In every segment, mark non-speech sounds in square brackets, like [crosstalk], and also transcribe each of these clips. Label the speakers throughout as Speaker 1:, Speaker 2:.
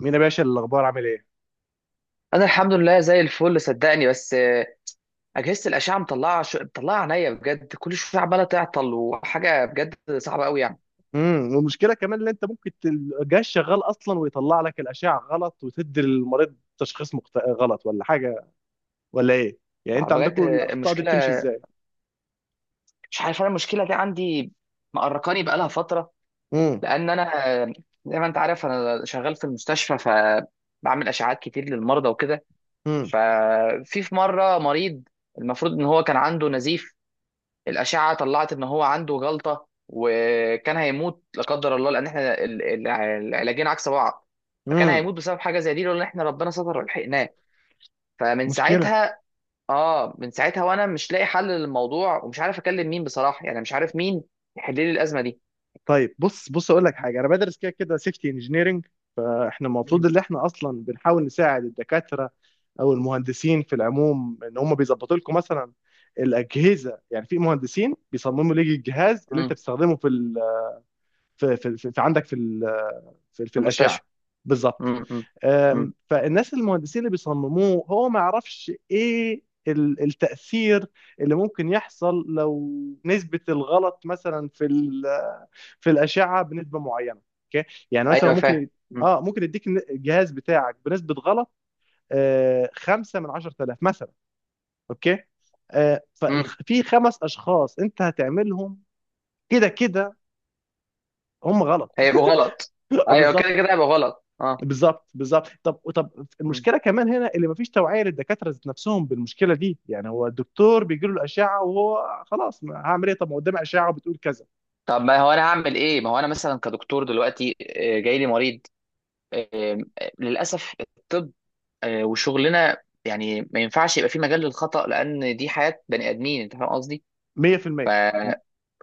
Speaker 1: مين يا باشا؟ الاخبار عامل ايه؟
Speaker 2: انا الحمد لله زي الفل صدقني بس اجهزه الاشعه مطلعه مطلعه عينيا بجد، كل شويه عماله تعطل، وحاجه بجد صعبه قوي يعني.
Speaker 1: والمشكله كمان ان انت ممكن الجهاز شغال اصلا ويطلع لك الاشعه غلط وتدي للمريض تشخيص غلط ولا حاجه ولا ايه؟ يعني
Speaker 2: آه،
Speaker 1: انت
Speaker 2: بجد
Speaker 1: عندكم
Speaker 2: آه،
Speaker 1: الاخطاء دي بتمشي
Speaker 2: المشكله
Speaker 1: ازاي؟
Speaker 2: مش عارف، انا المشكله دي عندي مقرقاني بقالها فتره.
Speaker 1: امم.
Speaker 2: لان انا زي ما انت عارف انا شغال في المستشفى، فبعمل اشعاعات كتير للمرضى وكده.
Speaker 1: امم.
Speaker 2: في مره مريض المفروض ان هو كان عنده نزيف، الأشعة طلعت إن هو عنده جلطة، وكان هيموت لا قدر الله، لأن إحنا العلاجين عكس بعض. فكان
Speaker 1: امم.
Speaker 2: هيموت بسبب حاجة زي دي لولا إن إحنا ربنا ستر ولحقناه. فمن
Speaker 1: مشكله.
Speaker 2: ساعتها، من ساعتها وأنا مش لاقي حل للموضوع، ومش عارف أكلم مين بصراحة، يعني مش عارف مين يحل لي الأزمة دي.
Speaker 1: طيب بص بص، اقول لك حاجه. انا بدرس كده كده سيفتي انجينيرنج. فاحنا المفروض
Speaker 2: مم.
Speaker 1: ان احنا اصلا بنحاول نساعد الدكاتره او المهندسين في العموم، ان هم بيظبطوا لكم مثلا الاجهزه. يعني في مهندسين بيصمموا لك الجهاز اللي انت
Speaker 2: مم.
Speaker 1: بتستخدمه في في في في عندك في في, في
Speaker 2: في المستشفى.
Speaker 1: الاشعه. بالظبط.
Speaker 2: مم. مم. مم.
Speaker 1: فالناس، المهندسين اللي بيصمموه، هو ما يعرفش ايه التأثير اللي ممكن يحصل لو نسبة الغلط مثلا في الأشعة بنسبة معينة، اوكي؟ يعني مثلا
Speaker 2: أيوه
Speaker 1: ممكن
Speaker 2: فاهم. مم.
Speaker 1: اه ممكن يديك الجهاز بتاعك بنسبة غلط، 5 من 10000 مثلا، اوكي؟
Speaker 2: مم.
Speaker 1: ففي خمس اشخاص انت هتعملهم كده كده هم غلط.
Speaker 2: هيبقى غلط.
Speaker 1: [laughs]
Speaker 2: أيوه كده
Speaker 1: بالظبط
Speaker 2: كده هيبقى غلط
Speaker 1: بالظبط بالظبط. طب،
Speaker 2: مم.
Speaker 1: المشكله كمان هنا اللي مفيش توعيه للدكاتره ذات نفسهم بالمشكله دي. يعني هو الدكتور بيجي له الاشعه وهو خلاص، ما هعمل ايه؟ طب ما قدامي اشعه وبتقول كذا.
Speaker 2: طب ما هو أنا هعمل إيه؟ ما هو أنا مثلا كدكتور دلوقتي جاي لي مريض. آم، للاسف الطب وشغلنا يعني ما ينفعش يبقى فيه مجال للخطأ، لان دي حياة بني ادمين، انت فاهم قصدي.
Speaker 1: 100%. م-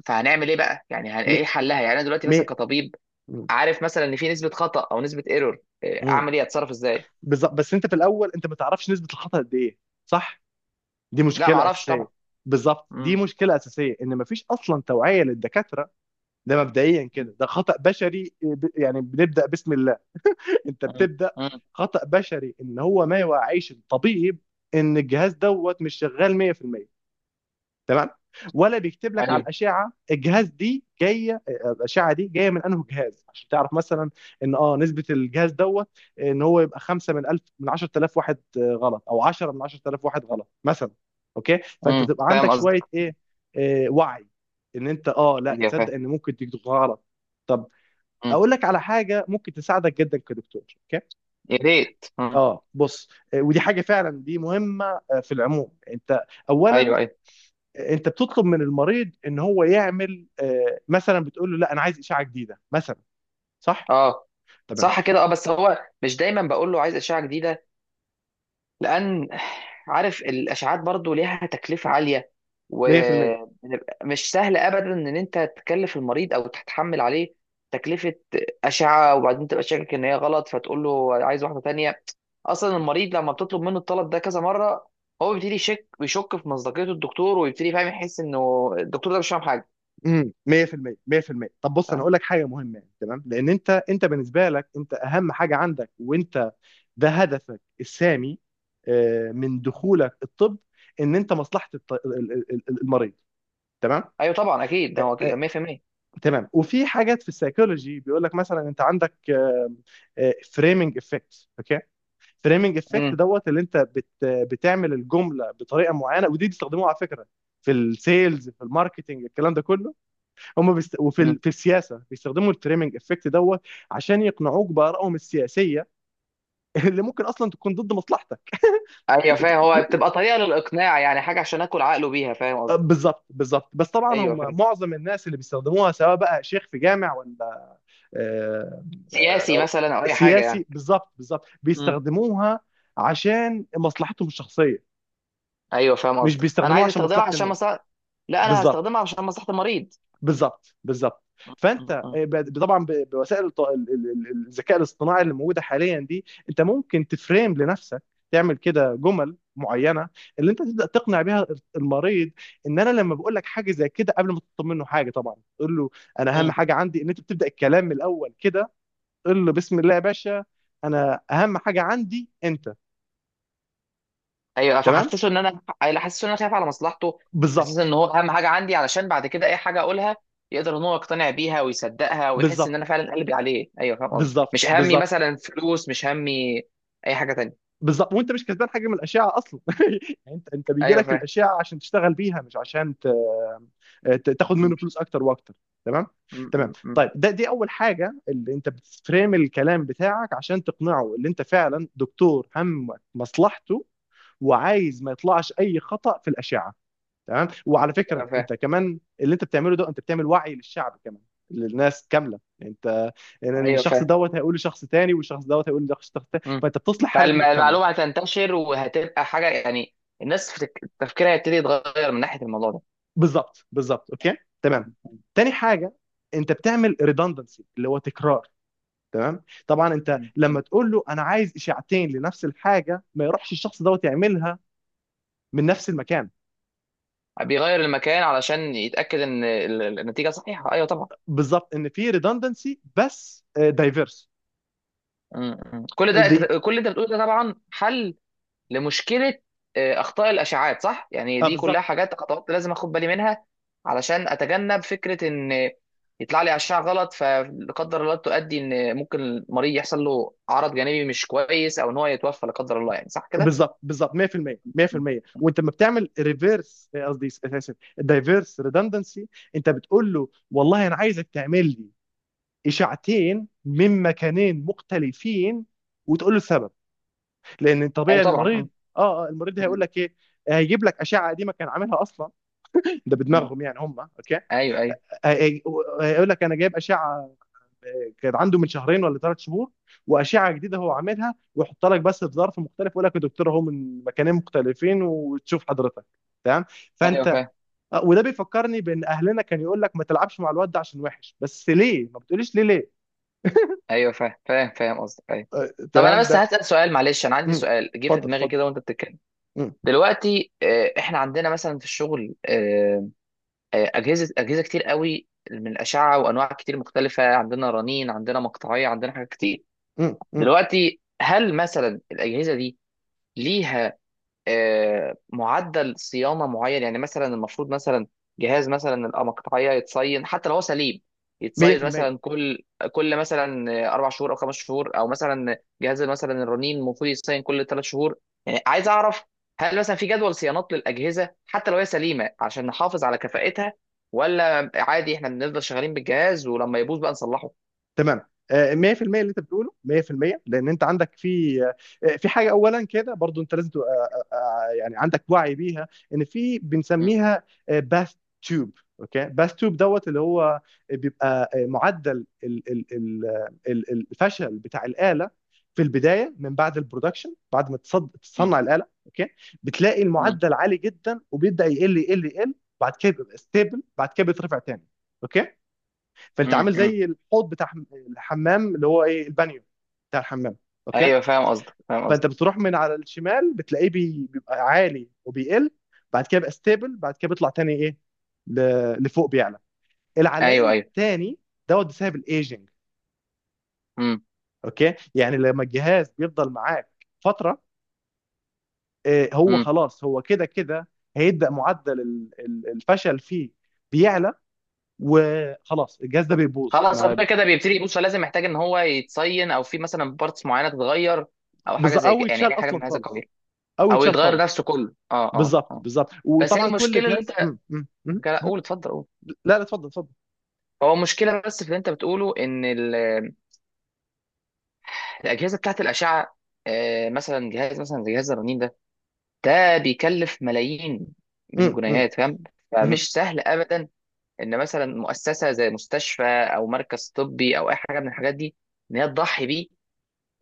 Speaker 2: فهنعمل ايه بقى يعني،
Speaker 1: م-
Speaker 2: ايه
Speaker 1: م-
Speaker 2: حلها يعني؟ انا دلوقتي مثلا
Speaker 1: مية
Speaker 2: كطبيب
Speaker 1: م-
Speaker 2: عارف مثلا ان في نسبة خطأ او نسبة ايرور،
Speaker 1: م.
Speaker 2: اعمل ايه؟ اتصرف ازاي؟
Speaker 1: بالظبط. بس انت في الاول انت ما تعرفش نسبه الخطا قد ايه. صح؟ دي
Speaker 2: لا ما
Speaker 1: مشكله
Speaker 2: اعرفش طبعا.
Speaker 1: اساسيه. بالظبط، دي
Speaker 2: امم.
Speaker 1: مشكله اساسيه، ان مفيش اصلا توعيه للدكاتره. ده مبدئيا كده ده خطا بشري، يعني بنبدا بسم الله. انت
Speaker 2: امم.
Speaker 1: بتبدا.
Speaker 2: امم.
Speaker 1: خطا بشري ان هو ما يوعيش الطبيب ان الجهاز دوت مش شغال 100%. تمام. ولا بيكتب لك على
Speaker 2: ايوه.
Speaker 1: الاشعه الجهاز، دي جايه، الاشعه دي جايه من انه جهاز، عشان تعرف مثلا ان نسبه الجهاز دوت، ان هو يبقى 5 من 1000 من 10000 واحد غلط، او 10 من 10000 واحد غلط مثلا. اوكي؟ فانت تبقى عندك
Speaker 2: فاهم
Speaker 1: شويه
Speaker 2: قصدك.
Speaker 1: ايه. وعي، ان انت لا
Speaker 2: ايوه فاهم.
Speaker 1: تصدق ان ممكن تكتب غلط. طب
Speaker 2: امم.
Speaker 1: اقول لك على حاجه ممكن تساعدك جدا كدكتور.
Speaker 2: يا ريت. امم.
Speaker 1: اه بص، ودي حاجه فعلا دي مهمه. في العموم انت، اولا،
Speaker 2: ايوه ايوه.
Speaker 1: انت بتطلب من المريض ان هو يعمل، مثلا بتقول له لا انا عايز اشعه جديده مثلا. صح؟
Speaker 2: اه
Speaker 1: تمام.
Speaker 2: صح كده اه، بس هو مش دايما بقول له عايز اشعه جديده، لان عارف الاشعاعات برضو ليها تكلفه عاليه،
Speaker 1: 100%.
Speaker 2: ومش سهل ابدا ان انت تكلف المريض او تتحمل عليه تكلفه اشعه، وبعدين تبقى شاكك ان هي غلط فتقول له عايز واحده تانية. اصلا المريض لما بتطلب منه الطلب ده كذا مره، هو بيبتدي يشك، بيشك في مصداقيه الدكتور، ويبتدي فاهم يحس انه الدكتور ده مش فاهم حاجه.
Speaker 1: 100%. 100%. طب بص انا
Speaker 2: فاهم.
Speaker 1: اقول لك حاجه مهمه يعني، تمام، لان انت بالنسبه لك انت اهم حاجه عندك وانت، ده هدفك السامي. من دخولك الطب، ان انت مصلحه المريض. تمام.
Speaker 2: ايوه طبعا اكيد ده
Speaker 1: آه،
Speaker 2: هو أكيد،
Speaker 1: آه،
Speaker 2: 100%.
Speaker 1: تمام. وفي حاجات في السيكولوجي بيقول لك مثلا انت عندك فريمنج افكت، اوكي؟ فريمنج افكت
Speaker 2: امم.
Speaker 1: دوت، اللي انت بتعمل الجمله بطريقه معينه. ودي بيستخدموها على فكره في السيلز، في الماركتنج، الكلام ده كله،
Speaker 2: امم.
Speaker 1: في السياسه بيستخدموا الفريمنج افكت دوت عشان يقنعوك بارائهم السياسيه. [laughs] اللي ممكن اصلا تكون ضد مصلحتك.
Speaker 2: ايوه
Speaker 1: انت-
Speaker 2: فاهم، هو
Speaker 1: [laughs]
Speaker 2: بتبقى طريقه للاقناع، يعني حاجه عشان اكل عقله بيها، فاهم قصدي؟
Speaker 1: بالظبط بالظبط. بس طبعا هم
Speaker 2: ايوه،
Speaker 1: معظم الناس اللي بيستخدموها، سواء بقى شيخ في جامع ولا آه،
Speaker 2: سياسي
Speaker 1: آه،
Speaker 2: مثلا او اي حاجه يعني.
Speaker 1: سياسي، بالظبط. بالظبط
Speaker 2: مم.
Speaker 1: بيستخدموها عشان مصلحتهم الشخصيه،
Speaker 2: ايوه فاهم
Speaker 1: مش
Speaker 2: قصدك، انا
Speaker 1: بيستخدموها
Speaker 2: عايز
Speaker 1: عشان
Speaker 2: استخدمها
Speaker 1: مصلحه
Speaker 2: عشان
Speaker 1: الناس.
Speaker 2: مصلحه. لا، انا هستخدمها
Speaker 1: بالظبط
Speaker 2: عشان مصلحه المريض.
Speaker 1: بالظبط بالظبط.
Speaker 2: مم.
Speaker 1: فانت،
Speaker 2: مم.
Speaker 1: طبعا، بوسائل الذكاء الاصطناعي اللي موجوده حاليا دي، انت ممكن تفريم لنفسك، تعمل كده جمل معينه اللي انت تبدا تقنع بيها المريض. ان انا لما بقول لك حاجه زي كده قبل ما تطلب منه حاجه، طبعا تقول له انا اهم
Speaker 2: مم.
Speaker 1: حاجه عندي ان انت، بتبدا الكلام من الاول كده. قل له بسم الله يا باشا، انا اهم حاجه عندي انت.
Speaker 2: ايوه
Speaker 1: تمام.
Speaker 2: فحسسه ان انا، حسسه ان انا خايف على مصلحته، حسسه
Speaker 1: بالظبط
Speaker 2: ان هو اهم حاجه عندي، علشان بعد كده اي حاجه اقولها يقدر ان هو يقتنع بيها ويصدقها ويحس ان
Speaker 1: بالظبط
Speaker 2: انا فعلا قلبي عليه. ايوه فاهم قصدي،
Speaker 1: بالظبط
Speaker 2: مش همي
Speaker 1: بالظبط
Speaker 2: مثلا فلوس، مش همي اي حاجه تانية.
Speaker 1: بالظبط. وانت مش كسبان حاجه من الاشعه اصلا. [laughs] يعني انت، بيجي
Speaker 2: ايوه
Speaker 1: لك
Speaker 2: فاهم.
Speaker 1: الاشعه عشان تشتغل بيها، مش عشان تاخد
Speaker 2: مم.
Speaker 1: منه فلوس اكتر واكتر. تمام. تمام.
Speaker 2: مم. مم.
Speaker 1: طيب، دي اول حاجه، اللي انت بتفريم الكلام بتاعك عشان تقنعه اللي انت فعلا دكتور همك مصلحته، وعايز ما يطلعش اي خطأ في الاشعه. تمام. وعلى فكره
Speaker 2: ايوه فاهم.
Speaker 1: انت كمان اللي انت بتعمله ده، انت بتعمل وعي للشعب كمان، للناس كامله انت. يعني
Speaker 2: ايوه
Speaker 1: الشخص
Speaker 2: فاهم.
Speaker 1: دوت هيقول لشخص تاني والشخص دوت هيقول لشخص تاني،
Speaker 2: مم.
Speaker 1: فانت بتصلح حاله مجتمع.
Speaker 2: فالمعلومة هتنتشر وهتبقى حاجة يعني، الناس في تفكيرها يبتدي يتغير من ناحية الموضوع ده.
Speaker 1: بالظبط بالظبط، اوكي؟ تمام. تاني حاجه، انت بتعمل ريدندنسي اللي هو تكرار. تمام. طبعا انت
Speaker 2: مم.
Speaker 1: لما
Speaker 2: مم.
Speaker 1: تقول له انا عايز اشاعتين لنفس الحاجه، ما يروحش الشخص دوت يعملها من نفس المكان.
Speaker 2: بيغير المكان علشان يتأكد إن النتيجة صحيحة، أيوه طبعا.
Speaker 1: بالظبط، ان في ريدندنسي بس دايفيرس
Speaker 2: مم. مم. كل ده،
Speaker 1: دي.
Speaker 2: كل اللي أنت بتقوله ده طبعا حل لمشكلة أخطاء الأشعاعات، صح؟ يعني
Speaker 1: اه
Speaker 2: دي كلها
Speaker 1: بالظبط
Speaker 2: حاجات، خطوات لازم أخد بالي منها علشان أتجنب فكرة إن يطلع لي أشعة غلط، فلا قدر الله تؤدي إن ممكن المريض يحصل له عرض جانبي مش كويس، أو إن هو يتوفى لا قدر الله، يعني صح كده؟
Speaker 1: بالظبط بالظبط، 100%.
Speaker 2: مم.
Speaker 1: 100%. وانت لما بتعمل ريفيرس، قصدي اسف، دايفيرس ريدندنسي، انت بتقول له والله انا عايزك تعمل لي اشاعتين من مكانين مختلفين، وتقول له السبب. لان
Speaker 2: ايوه
Speaker 1: طبيعي
Speaker 2: طبعا.
Speaker 1: المريض،
Speaker 2: مم.
Speaker 1: المريض
Speaker 2: مم.
Speaker 1: هيقول لك ايه. هيجيب لك اشعه قديمه كان عاملها اصلا، ده
Speaker 2: مم.
Speaker 1: بدماغهم يعني هم، اوكي؟
Speaker 2: ايوه ايوه.
Speaker 1: هي- هيقول لك انا جايب اشعه كان عنده من شهرين ولا ثلاث شهور، واشعه جديده هو عاملها، ويحط لك بس في ظرف مختلف، ويقول لك يا دكتور اهو من مكانين مختلفين وتشوف حضرتك. تمام.
Speaker 2: ايوه
Speaker 1: فانت،
Speaker 2: فاهم.
Speaker 1: وده بيفكرني بان اهلنا كان يقول لك ما تلعبش مع الواد ده عشان وحش، بس ليه ما بتقوليش ليه ليه؟
Speaker 2: ايوه فاهم فاهم فاهم قصدك ايوه.
Speaker 1: آه،
Speaker 2: طب انا
Speaker 1: تمام.
Speaker 2: بس
Speaker 1: ده.
Speaker 2: هسأل سؤال، معلش انا عندي
Speaker 1: مم.
Speaker 2: سؤال جه في
Speaker 1: اتفضل
Speaker 2: دماغي
Speaker 1: اتفضل.
Speaker 2: كده وانت بتتكلم.
Speaker 1: مم.
Speaker 2: دلوقتي احنا عندنا مثلا في الشغل اجهزه كتير قوي من الاشعه وانواع كتير مختلفه، عندنا رنين، عندنا مقطعيه، عندنا حاجات كتير.
Speaker 1: مم. مم.
Speaker 2: دلوقتي هل مثلا الاجهزه دي ليها معدل صيانه معين؟ يعني مثلا المفروض مثلا جهاز مثلا الأقمة القطعيه يتصين حتى لو هو سليم، يتصين
Speaker 1: 100%.
Speaker 2: مثلا كل مثلا اربع شهور او خمس شهور، او مثلا جهاز مثلا الرنين المفروض يتصين كل ثلاث شهور. يعني عايز اعرف، هل مثلا في جدول صيانات للاجهزه حتى لو هي سليمه عشان نحافظ على كفاءتها؟ ولا عادي احنا بنفضل شغالين بالجهاز ولما يبوظ بقى نصلحه؟
Speaker 1: تمام. 100% اللي انت بتقوله 100%. لان انت عندك في، في حاجه اولا كده برضو، انت لازم تبقى، يعني عندك وعي بيها، ان في
Speaker 2: مم.
Speaker 1: بنسميها، باث تيوب، اوكي؟ باث تيوب دوت، اللي هو بيبقى معدل الفشل بتاع الاله، في البدايه من بعد البرودكشن، بعد ما
Speaker 2: مم.
Speaker 1: تصنع الاله، اوكي؟ بتلاقي
Speaker 2: مم.
Speaker 1: المعدل عالي جدا وبيبدا يقل يقل يقل. بعد كده بيبقى ستيبل، بعد كده بيترفع تاني. اوكي. فانت
Speaker 2: مم.
Speaker 1: عامل
Speaker 2: مم.
Speaker 1: زي الحوض بتاع الحمام، اللي هو ايه، البانيو بتاع الحمام، اوكي؟
Speaker 2: ايوه فاهم قصدك، فاهم
Speaker 1: فانت
Speaker 2: قصدك.
Speaker 1: بتروح من على الشمال، بتلاقيه بيبقى عالي وبيقل، بعد كده بيبقى ستيبل، بعد كده بيطلع تاني ايه، لفوق، بيعلى العليان
Speaker 2: ايوه ايوه.
Speaker 1: التاني دوت، بسبب الايجنج.
Speaker 2: مم.
Speaker 1: اوكي. يعني لما الجهاز بيفضل معاك فتره، هو
Speaker 2: مم.
Speaker 1: خلاص، هو كده كده هيبدا معدل الفشل فيه بيعلى، وخلاص الجهاز ده بيبوظ
Speaker 2: خلاص هو
Speaker 1: ما.
Speaker 2: كده كده بيبتدي. بص هو لازم، محتاج ان هو يتصين، او في مثلا بارتس معينه تتغير، او حاجه زي
Speaker 1: او
Speaker 2: كده يعني، اي
Speaker 1: يتشال
Speaker 2: حاجه
Speaker 1: اصلا
Speaker 2: من هذا
Speaker 1: خالص،
Speaker 2: القبيل.
Speaker 1: او
Speaker 2: او
Speaker 1: يتشال
Speaker 2: يتغير
Speaker 1: خالص.
Speaker 2: نفسه كله، اه اه
Speaker 1: بالظبط
Speaker 2: اه.
Speaker 1: بالظبط.
Speaker 2: بس هي
Speaker 1: وطبعا كل
Speaker 2: المشكله اللي انت،
Speaker 1: جهاز. مم، مم، مم،
Speaker 2: لا،
Speaker 1: مم.
Speaker 2: قول اتفضل قول.
Speaker 1: لا، لا، اتفضل اتفضل.
Speaker 2: هو المشكله بس في اللي انت بتقوله ان الاجهزه بتاعت الاشعه مثلا جهاز مثلا زي جهاز الرنين ده، ده بيكلف ملايين من
Speaker 1: مم، مم،
Speaker 2: الجنيهات، فاهم؟
Speaker 1: مم.
Speaker 2: فمش سهل ابدا ان مثلا مؤسسه زي مستشفى او مركز طبي او اي حاجه من الحاجات دي ان هي تضحي بيه،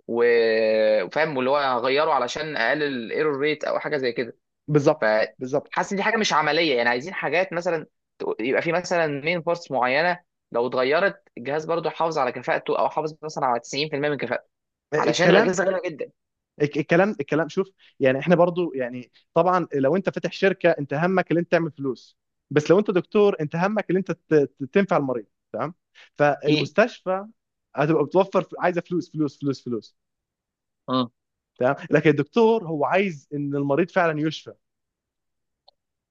Speaker 2: وفاهم، واللي هو هغيره علشان اقلل الايرور ريت او حاجه زي كده.
Speaker 1: بالظبط بالظبط.
Speaker 2: فحاسس ان دي حاجه مش عمليه، يعني عايزين حاجات مثلا يبقى في مثلا مين بارتس معينه لو اتغيرت الجهاز برضه يحافظ على كفاءته، او حافظ مثلا على 90% من كفاءته، علشان
Speaker 1: الكلام
Speaker 2: الاجهزه غاليه جدا.
Speaker 1: الك- الكلام الكلام شوف. يعني احنا برضو، يعني طبعا لو انت فاتح شركه انت همك اللي انت تعمل فلوس، بس لو انت دكتور انت همك اللي انت تنفع المريض. تمام.
Speaker 2: كي.
Speaker 1: فالمستشفى هتبقى بتوفر، عايزه فلوس فلوس فلوس فلوس.
Speaker 2: اه
Speaker 1: تمام. لكن الدكتور هو عايز ان المريض فعلا يشفى.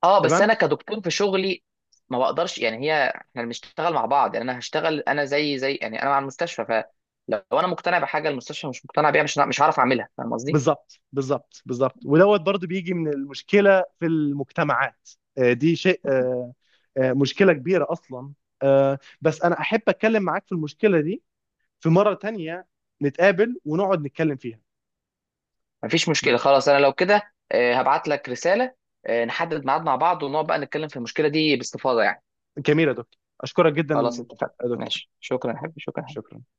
Speaker 2: اه، بس
Speaker 1: تمام.
Speaker 2: انا كدكتور في شغلي ما بقدرش، يعني هي احنا بنشتغل مع بعض، يعني انا هشتغل، انا زي يعني انا مع المستشفى، فلو انا مقتنع بحاجه المستشفى مش مقتنع بيها، مش مش هعرف اعملها، فاهم قصدي؟
Speaker 1: بالظبط بالظبط بالظبط. ودوت برضو بيجي من المشكله في المجتمعات، دي شيء، مشكله كبيره اصلا. بس انا احب اتكلم معاك في المشكله دي في مره تانية، نتقابل ونقعد نتكلم فيها.
Speaker 2: مفيش مشكلة
Speaker 1: ب-
Speaker 2: خلاص، أنا لو كده هبعت لك رسالة، نحدد ميعاد مع بعض ونقعد بقى نتكلم في المشكلة دي باستفاضة يعني.
Speaker 1: جميل يا دكتور، اشكرك جدا
Speaker 2: خلاص اتفقنا
Speaker 1: يا دكتور.
Speaker 2: ماشي، شكرا يا حبيبي، شكرا.
Speaker 1: شكرا.